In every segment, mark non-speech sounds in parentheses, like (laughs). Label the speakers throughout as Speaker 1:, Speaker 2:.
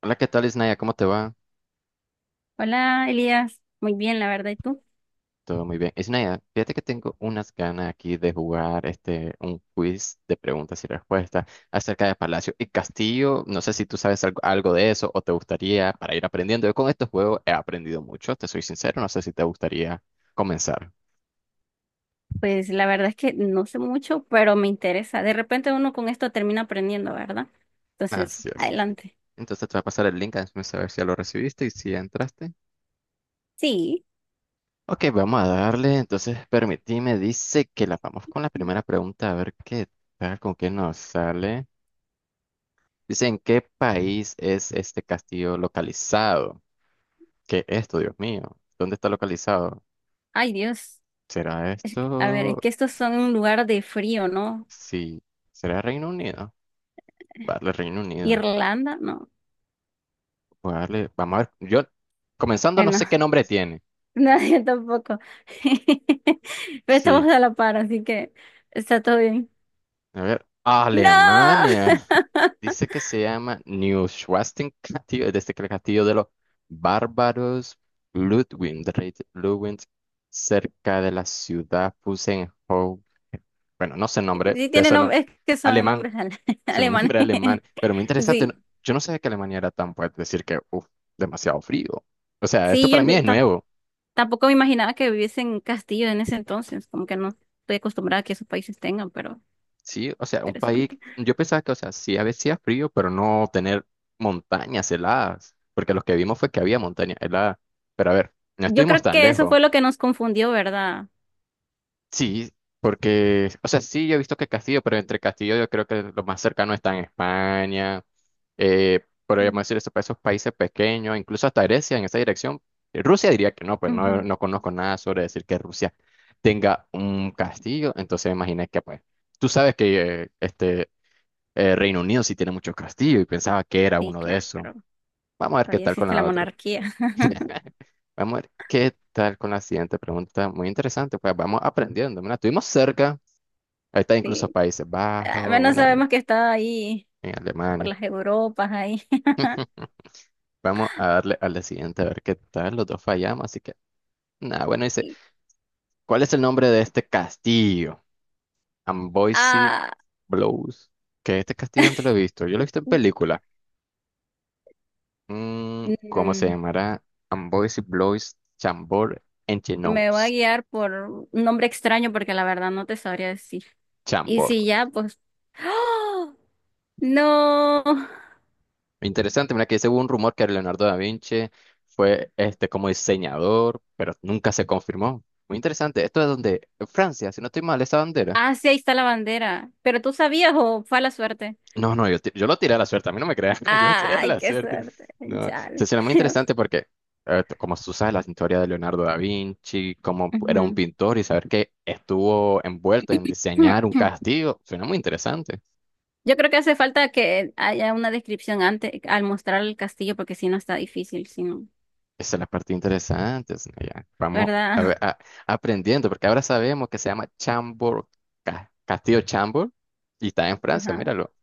Speaker 1: Hola, ¿qué tal, Isnaya? ¿Cómo te va?
Speaker 2: Hola, Elías. Muy bien, la verdad. ¿Y tú?
Speaker 1: Todo muy bien. Isnaya, fíjate que tengo unas ganas aquí de jugar un quiz de preguntas y respuestas acerca de Palacio y Castillo. No sé si tú sabes algo de eso o te gustaría para ir aprendiendo. Yo con estos juegos he aprendido mucho, te soy sincero. No sé si te gustaría comenzar.
Speaker 2: Pues la verdad es que no sé mucho, pero me interesa. De repente uno con esto termina aprendiendo, ¿verdad? Entonces,
Speaker 1: Así es.
Speaker 2: adelante.
Speaker 1: Entonces te voy a pasar el link, hazme saber si ya lo recibiste y si ya entraste.
Speaker 2: Sí.
Speaker 1: Ok, vamos a darle. Entonces, permitime, dice que la vamos con la primera pregunta a ver qué tal, con qué nos sale. Dice, ¿en qué país es este castillo localizado? ¿Qué es esto, Dios mío? ¿Dónde está localizado?
Speaker 2: Ay, Dios.
Speaker 1: ¿Será
Speaker 2: A ver, es
Speaker 1: esto?
Speaker 2: que estos son un lugar de frío, ¿no?
Speaker 1: Sí. ¿Será Reino Unido? Voy a darle Reino Unido.
Speaker 2: Irlanda, no.
Speaker 1: Voy a darle- Vamos a ver. Yo, comenzando, no
Speaker 2: Bueno,
Speaker 1: sé qué nombre tiene.
Speaker 2: (laughs) nadie tampoco. (laughs) Pero
Speaker 1: Sí.
Speaker 2: estamos a la par, así que está todo bien.
Speaker 1: A ver.
Speaker 2: ¡No!
Speaker 1: Alemania.
Speaker 2: (laughs)
Speaker 1: Dice que se llama New Schwarzschild Castillo, desde que el castillo de los bárbaros Ludwig, de rey Ludwig, cerca de la ciudad Pusenhof. Bueno, no sé el nombre,
Speaker 2: Sí
Speaker 1: de
Speaker 2: tiene
Speaker 1: eso no.
Speaker 2: nombre, es que son
Speaker 1: Alemán,
Speaker 2: nombres (laughs)
Speaker 1: es un (laughs)
Speaker 2: alemanes.
Speaker 1: nombre alemán,
Speaker 2: (laughs)
Speaker 1: pero muy interesante. No-
Speaker 2: Sí.
Speaker 1: Yo no sabía que Alemania era tan fuerte, es decir que, demasiado frío. O sea, esto
Speaker 2: Sí, yo
Speaker 1: para mí es
Speaker 2: no-
Speaker 1: nuevo.
Speaker 2: Tampoco me imaginaba que viviesen en castillo en ese entonces, como que no estoy acostumbrada a que esos países tengan, pero
Speaker 1: Sí, o sea, un país,
Speaker 2: interesante.
Speaker 1: yo pensaba que, o sea, sí, a veces hacía frío, pero no tener montañas heladas, porque lo que vimos fue que había montañas heladas. Pero a ver, no
Speaker 2: Yo
Speaker 1: estuvimos
Speaker 2: creo
Speaker 1: tan
Speaker 2: que eso
Speaker 1: lejos.
Speaker 2: fue lo que nos confundió, ¿verdad?
Speaker 1: Sí, porque, o sea, sí, yo he visto que Castillo, pero entre Castillo yo creo que lo más cercano está en España, podríamos
Speaker 2: Sí.
Speaker 1: decir eso para esos países pequeños, incluso hasta Grecia en esa dirección. Rusia diría que no, pues no,
Speaker 2: Ujú.
Speaker 1: no conozco nada sobre decir que Rusia tenga un castillo, entonces imaginé que pues... Tú sabes que Reino Unido sí tiene muchos castillos y pensaba que era
Speaker 2: Sí,
Speaker 1: uno de esos.
Speaker 2: claro.
Speaker 1: Vamos a ver qué
Speaker 2: Todavía
Speaker 1: tal con
Speaker 2: existe la
Speaker 1: la otra.
Speaker 2: monarquía. (laughs)
Speaker 1: Vamos a ver qué tal con la siguiente pregunta. Muy interesante, pues vamos aprendiendo. Mira, estuvimos cerca. Ahí está incluso
Speaker 2: Sí.
Speaker 1: Países
Speaker 2: Al
Speaker 1: Bajos,
Speaker 2: menos
Speaker 1: mira,
Speaker 2: sabemos que está ahí
Speaker 1: en
Speaker 2: por
Speaker 1: Alemania.
Speaker 2: las Europas ahí. (laughs)
Speaker 1: (laughs) Vamos a darle a la siguiente a ver qué tal. Los dos fallamos, así que nada, bueno, dice,
Speaker 2: Y-
Speaker 1: ¿cuál es el nombre de este castillo? Amboise
Speaker 2: Ah,
Speaker 1: Blows. ¿Qué este castillo dónde lo he
Speaker 2: (laughs)
Speaker 1: visto? Yo lo he visto en películas. ¿Cómo se
Speaker 2: mm,
Speaker 1: llamará? Amboise Blois Chambord
Speaker 2: me voy a
Speaker 1: Engines.
Speaker 2: guiar por un nombre extraño porque la verdad no te sabría decir. Y
Speaker 1: Chambord.
Speaker 2: si ya, pues ¡Oh! No.
Speaker 1: Interesante, mira que según un rumor que Leonardo da Vinci fue este como diseñador, pero nunca se confirmó. Muy interesante. Esto es donde, en Francia, si no estoy mal, esa bandera.
Speaker 2: Ah, sí, ahí está la bandera. ¿Pero tú sabías o fue a la suerte?
Speaker 1: No, no, yo, ti- yo lo tiré a la suerte, a mí no me crean, (laughs) yo lo tiré a
Speaker 2: Ay,
Speaker 1: la
Speaker 2: qué
Speaker 1: suerte.
Speaker 2: suerte.
Speaker 1: No,
Speaker 2: Chale.
Speaker 1: entonces era muy
Speaker 2: (laughs)
Speaker 1: interesante porque, t- como tú sabes, la historia de Leonardo da Vinci, cómo era un
Speaker 2: Ujú.
Speaker 1: pintor y saber que estuvo envuelto en diseñar un
Speaker 2: (clears throat)
Speaker 1: castillo, suena muy interesante.
Speaker 2: Yo creo que hace falta que haya una descripción antes al mostrar el castillo, porque si no está difícil, si no,
Speaker 1: Esa es la parte interesante, Snaya. Vamos a
Speaker 2: ¿verdad?
Speaker 1: ver-
Speaker 2: (laughs)
Speaker 1: a- aprendiendo, porque ahora sabemos que se llama Chambord, Ca- Castillo Chambord, y está en Francia,
Speaker 2: Ajá,
Speaker 1: míralo.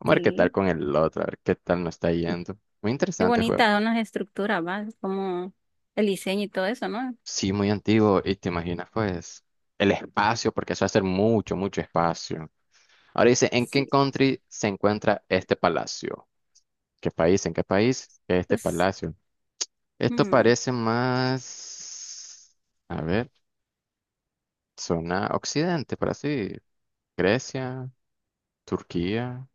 Speaker 1: Vamos a ver qué tal
Speaker 2: sí.
Speaker 1: con el otro, a ver qué tal nos está yendo. Muy
Speaker 2: Qué
Speaker 1: interesante el juego.
Speaker 2: bonita son las estructuras, ¿va? Como el diseño y todo eso, ¿no?
Speaker 1: Sí, muy antiguo, y te imaginas, pues, el espacio, porque eso va a ser mucho espacio. Ahora dice, ¿en qué
Speaker 2: Sí.
Speaker 1: country se encuentra este palacio? ¿Qué país? ¿En qué país? Este
Speaker 2: Pues,
Speaker 1: palacio. Esto
Speaker 2: mm,
Speaker 1: parece más... A ver. Zona Occidente para sí. Grecia, Turquía,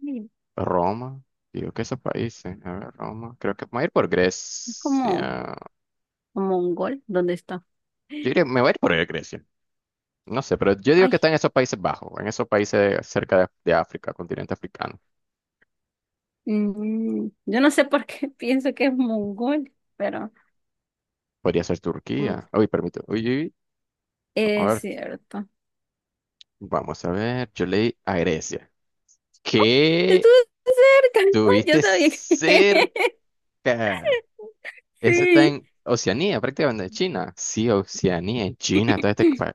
Speaker 2: sí,
Speaker 1: Roma. Digo que esos países. A ver, Roma. Creo que me voy a ir por
Speaker 2: es como,
Speaker 1: Grecia.
Speaker 2: como mongol. ¿Dónde está?
Speaker 1: Yo diría, me voy a ir por Grecia. No sé, pero yo digo
Speaker 2: Ay,
Speaker 1: que está en esos Países Bajos, en esos países cerca de África, continente africano.
Speaker 2: yo no sé por qué (laughs) pienso que es mongol, pero
Speaker 1: Podría ser
Speaker 2: como
Speaker 1: Turquía. Uy, permíteme. Uy, vamos a
Speaker 2: Es
Speaker 1: ver.
Speaker 2: cierto.
Speaker 1: Vamos a ver. Yo leí a Grecia. ¿Qué
Speaker 2: Estuve cerca. (laughs) Yo
Speaker 1: tuviste
Speaker 2: sabía que
Speaker 1: cerca?
Speaker 2: (laughs)
Speaker 1: Eso está
Speaker 2: sí.
Speaker 1: en Oceanía, prácticamente en China. Sí, Oceanía, en China, todo este país.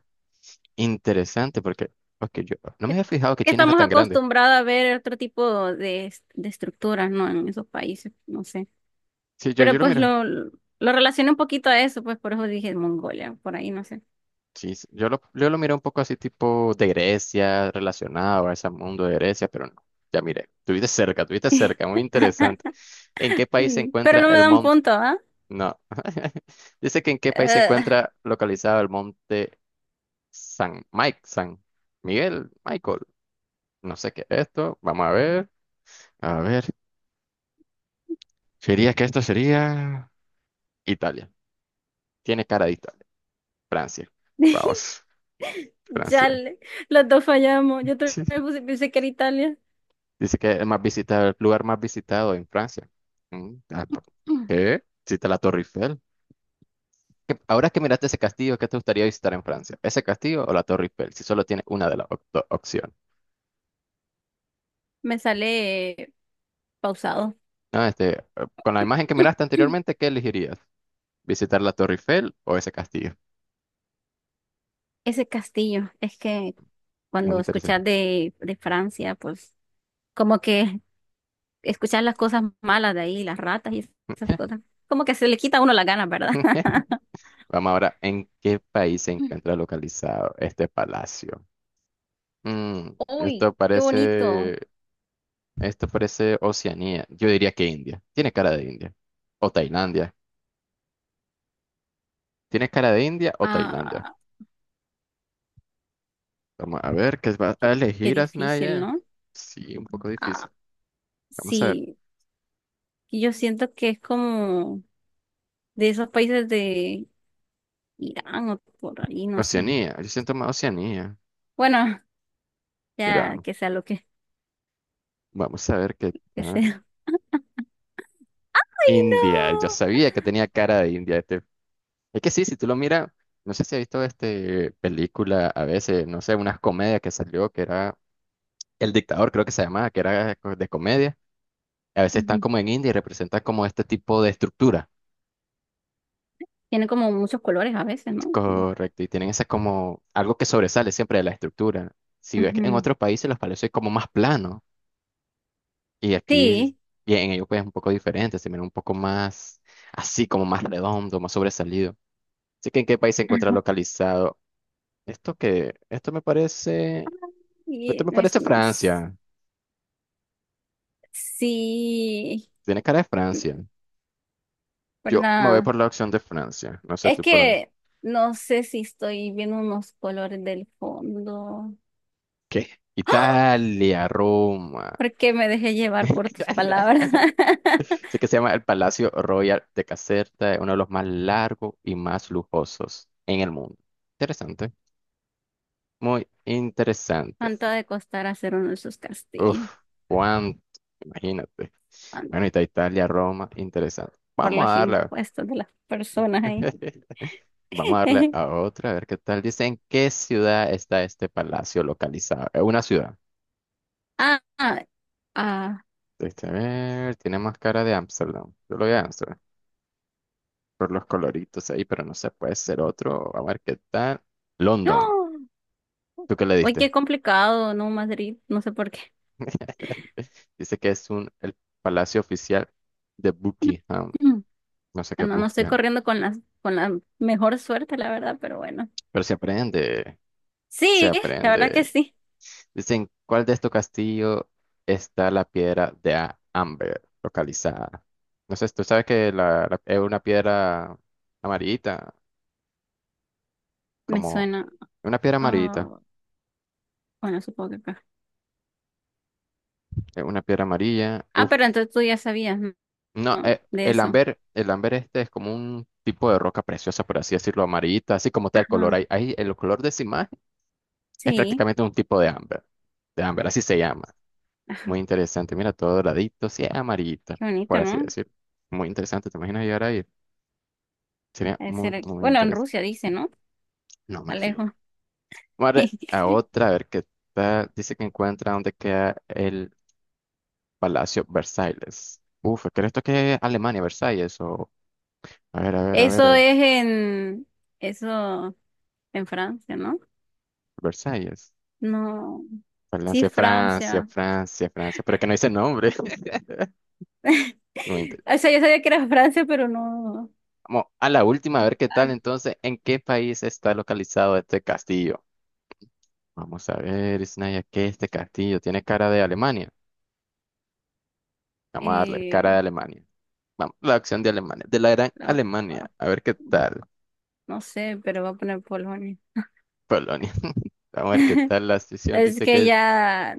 Speaker 1: Interesante, porque yo no me había fijado que
Speaker 2: Que
Speaker 1: China era
Speaker 2: estamos
Speaker 1: tan grande.
Speaker 2: acostumbrados a ver otro tipo de estructuras, ¿no? En esos países, no sé.
Speaker 1: Sí, yo
Speaker 2: Pero
Speaker 1: lo
Speaker 2: pues
Speaker 1: miro.
Speaker 2: lo relacioné un poquito a eso, pues por eso dije Mongolia, por ahí, no sé.
Speaker 1: Sí, sí, yo lo miro un poco así tipo de Grecia, relacionado a ese mundo de Grecia, pero no. Ya miré, tuviste cerca,
Speaker 2: (laughs)
Speaker 1: muy interesante. ¿En qué país se
Speaker 2: Mm, pero
Speaker 1: encuentra
Speaker 2: no me
Speaker 1: el
Speaker 2: dan
Speaker 1: monte?
Speaker 2: punto, ¿ah?
Speaker 1: No. (laughs) Dice que en qué país se
Speaker 2: Eh,
Speaker 1: encuentra localizado el monte San Mike, San Miguel, Michael. No sé qué es esto. Vamos a ver. A ver. Sería que esto sería Italia. Tiene cara de Italia. Francia.
Speaker 2: (laughs)
Speaker 1: Vamos, Francia.
Speaker 2: ya le- los dos fallamos.
Speaker 1: Sí.
Speaker 2: Pensé que era Italia.
Speaker 1: Dice que es más visitado, el lugar más visitado en Francia. Pa-
Speaker 2: (clears throat)
Speaker 1: ¿Qué? Visita la Torre Eiffel. ¿Qué- Ahora que miraste ese castillo, ¿qué te gustaría visitar en Francia? ¿Ese castillo o la Torre Eiffel? Si solo tienes una de las op- do- opciones.
Speaker 2: Me sale pausado.
Speaker 1: No, con la imagen que miraste
Speaker 2: (clears throat)
Speaker 1: anteriormente, ¿qué elegirías? ¿Visitar la Torre Eiffel o ese castillo?
Speaker 2: Ese castillo, es que
Speaker 1: Muy
Speaker 2: cuando escuchas
Speaker 1: interesante.
Speaker 2: de Francia, pues como que escuchar las cosas malas de ahí, las ratas y esas cosas, como que se le quita a uno las ganas, ¿verdad?
Speaker 1: (laughs)
Speaker 2: (laughs)
Speaker 1: Vamos ahora, ¿en qué país se encuentra localizado este palacio? Mm,
Speaker 2: Uy,
Speaker 1: esto
Speaker 2: qué bonito.
Speaker 1: parece esto parece Oceanía. Yo diría que India. Tiene cara de India. O Tailandia. Tiene cara de India o Tailandia.
Speaker 2: Ah,
Speaker 1: Vamos a ver, ¿qué va a
Speaker 2: qué, qué
Speaker 1: elegir
Speaker 2: difícil,
Speaker 1: Asnaya?
Speaker 2: ¿no?
Speaker 1: Sí, un poco difícil.
Speaker 2: Ah,
Speaker 1: Vamos a ver.
Speaker 2: sí, y yo siento que es como de esos países de Irán o por ahí, no sé.
Speaker 1: Oceanía. Yo siento más Oceanía.
Speaker 2: Bueno, ya
Speaker 1: Irán.
Speaker 2: que sea lo
Speaker 1: Vamos a ver qué
Speaker 2: que
Speaker 1: tal.
Speaker 2: sea. (laughs) ¡Ay,
Speaker 1: India. Yo sabía que tenía cara de India. Este. Es que sí, si tú lo miras, no sé si has visto este película a veces, no sé, unas comedias que salió que era El Dictador, creo que se llamaba, que era de comedia. A veces
Speaker 2: no!
Speaker 1: están
Speaker 2: Ujú.
Speaker 1: como en India y representan como este tipo de estructura.
Speaker 2: Tiene como muchos colores a veces, ¿no?
Speaker 1: Correcto, y tienen ese como algo que sobresale siempre de la estructura. Si ves que en
Speaker 2: Ujú.
Speaker 1: otros países los palacios es como más plano y aquí
Speaker 2: Sí.
Speaker 1: y en ellos pues es un poco diferente, se mira un poco más así, como más redondo, más sobresalido. Así que ¿en qué país se
Speaker 2: (laughs)
Speaker 1: encuentra localizado? Esto que, esto me parece, esto
Speaker 2: Y
Speaker 1: me
Speaker 2: no es,
Speaker 1: parece
Speaker 2: no, s-
Speaker 1: Francia.
Speaker 2: Sí,
Speaker 1: Tiene cara de Francia. Yo me voy
Speaker 2: ¿verdad?
Speaker 1: por la opción de Francia. No sé
Speaker 2: Es
Speaker 1: tú por dónde.
Speaker 2: que no sé si estoy viendo unos colores del fondo.
Speaker 1: ¿Qué? Italia, Roma.
Speaker 2: Porque me dejé llevar por tus palabras.
Speaker 1: (laughs) Sé
Speaker 2: (laughs)
Speaker 1: que se llama el Palacio Royal de Caserta, es uno de los más largos y más lujosos en el mundo. Interesante, muy interesante.
Speaker 2: ¿Cuánto ha de costar hacer uno de esos castillos?
Speaker 1: Uf, cuánto, imagínate.
Speaker 2: ¿Cuán-
Speaker 1: Bueno, y está Italia, Roma, interesante.
Speaker 2: Por
Speaker 1: Vamos a
Speaker 2: los
Speaker 1: darle,
Speaker 2: impuestos de las personas ahí.
Speaker 1: (laughs) vamos a darle
Speaker 2: (laughs)
Speaker 1: a otra, a ver qué tal. Dice, ¿en qué ciudad está este palacio localizado? Es una ciudad.
Speaker 2: Ah, ah, ah.
Speaker 1: Este, a ver, tiene más cara de Ámsterdam. Yo lo voy a Ámsterdam por los coloritos ahí, pero no sé, puede ser otro. A ver qué tal. London,
Speaker 2: ¡Oh!
Speaker 1: ¿tú qué le
Speaker 2: Oye,
Speaker 1: diste?
Speaker 2: qué complicado, ¿no, Madrid? No sé por qué.
Speaker 1: (laughs) Dice que es un, el palacio oficial de
Speaker 2: (clears throat)
Speaker 1: Buckingham. No sé qué
Speaker 2: Bueno, no estoy
Speaker 1: busca,
Speaker 2: corriendo con con la mejor suerte, la verdad, pero bueno.
Speaker 1: pero se aprende, se
Speaker 2: Sí, la verdad que
Speaker 1: aprende.
Speaker 2: sí.
Speaker 1: Dicen, ¿cuál de estos castillos está la piedra de A- Amber localizada? No sé, tú sabes que es una piedra amarillita,
Speaker 2: Me
Speaker 1: como
Speaker 2: suena.
Speaker 1: una piedra amarillita,
Speaker 2: Ah, bueno, supongo que acá.
Speaker 1: es una piedra amarilla.
Speaker 2: Ah, pero entonces tú ya sabías, ¿no?
Speaker 1: No,
Speaker 2: No, de eso.
Speaker 1: El Amber este es como un tipo de roca preciosa, por así decirlo, amarillita, así como está el color.
Speaker 2: Ajá.
Speaker 1: Ahí el color de esa imagen. Es
Speaker 2: Sí,
Speaker 1: prácticamente un tipo de ámbar. De ámbar, así se llama. Muy interesante. Mira, todo doradito, sí, amarillita,
Speaker 2: qué bonito,
Speaker 1: por así
Speaker 2: ¿no?
Speaker 1: decir. Muy interesante. ¿Te imaginas llegar ahí? Sería
Speaker 2: Debe
Speaker 1: muy,
Speaker 2: ser-
Speaker 1: muy
Speaker 2: Bueno, en
Speaker 1: interesante.
Speaker 2: Rusia dice, ¿no?
Speaker 1: No me fijé.
Speaker 2: Alejo,
Speaker 1: Vamos a
Speaker 2: (laughs)
Speaker 1: otra, a ver qué tal. Dice que encuentra dónde queda el Palacio Versalles. Uf, ¿crees esto que es Alemania, Versalles? O, a ver, a ver, a ver, a
Speaker 2: Eso
Speaker 1: ver.
Speaker 2: es en. Eso en Francia, ¿no?
Speaker 1: Versalles.
Speaker 2: No. Sí,
Speaker 1: Francia, Francia,
Speaker 2: Francia.
Speaker 1: Francia, Francia. Pero que no dice nombre. (laughs) Muy
Speaker 2: (laughs)
Speaker 1: interesante.
Speaker 2: O sea, yo sabía que era Francia, pero no.
Speaker 1: Vamos a la última, a ver qué tal. Entonces, ¿en qué país está localizado este castillo? Vamos a ver, Isnaya, ¿qué este castillo? ¿Tiene cara de Alemania? Vamos a darle cara de
Speaker 2: Eh,
Speaker 1: Alemania. Vamos, la opción de Alemania, de la gran
Speaker 2: no,
Speaker 1: Alemania. A ver qué tal,
Speaker 2: no sé, pero voy a poner Polonia.
Speaker 1: Polonia. (laughs) Vamos a ver qué tal la decisión.
Speaker 2: Es
Speaker 1: Dice que
Speaker 2: que
Speaker 1: es
Speaker 2: ya.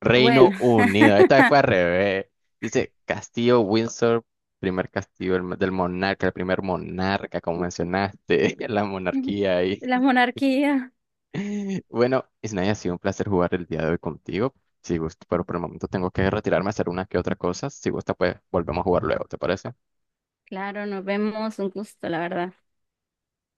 Speaker 1: Reino
Speaker 2: Bueno.
Speaker 1: Unido. Esta vez fue al revés. Dice Castillo Windsor, primer castillo del monarca, el primer monarca, como mencionaste, (laughs) la
Speaker 2: (laughs) Ujú.
Speaker 1: monarquía ahí.
Speaker 2: La monarquía.
Speaker 1: (laughs) Bueno, Isnaya, ha sido un placer jugar el día de hoy contigo. Si gusta, pero por el momento tengo que retirarme a hacer una que otra cosa. Si gusta, pues volvemos a jugar luego, ¿te parece?
Speaker 2: Claro, nos vemos, un gusto, la verdad.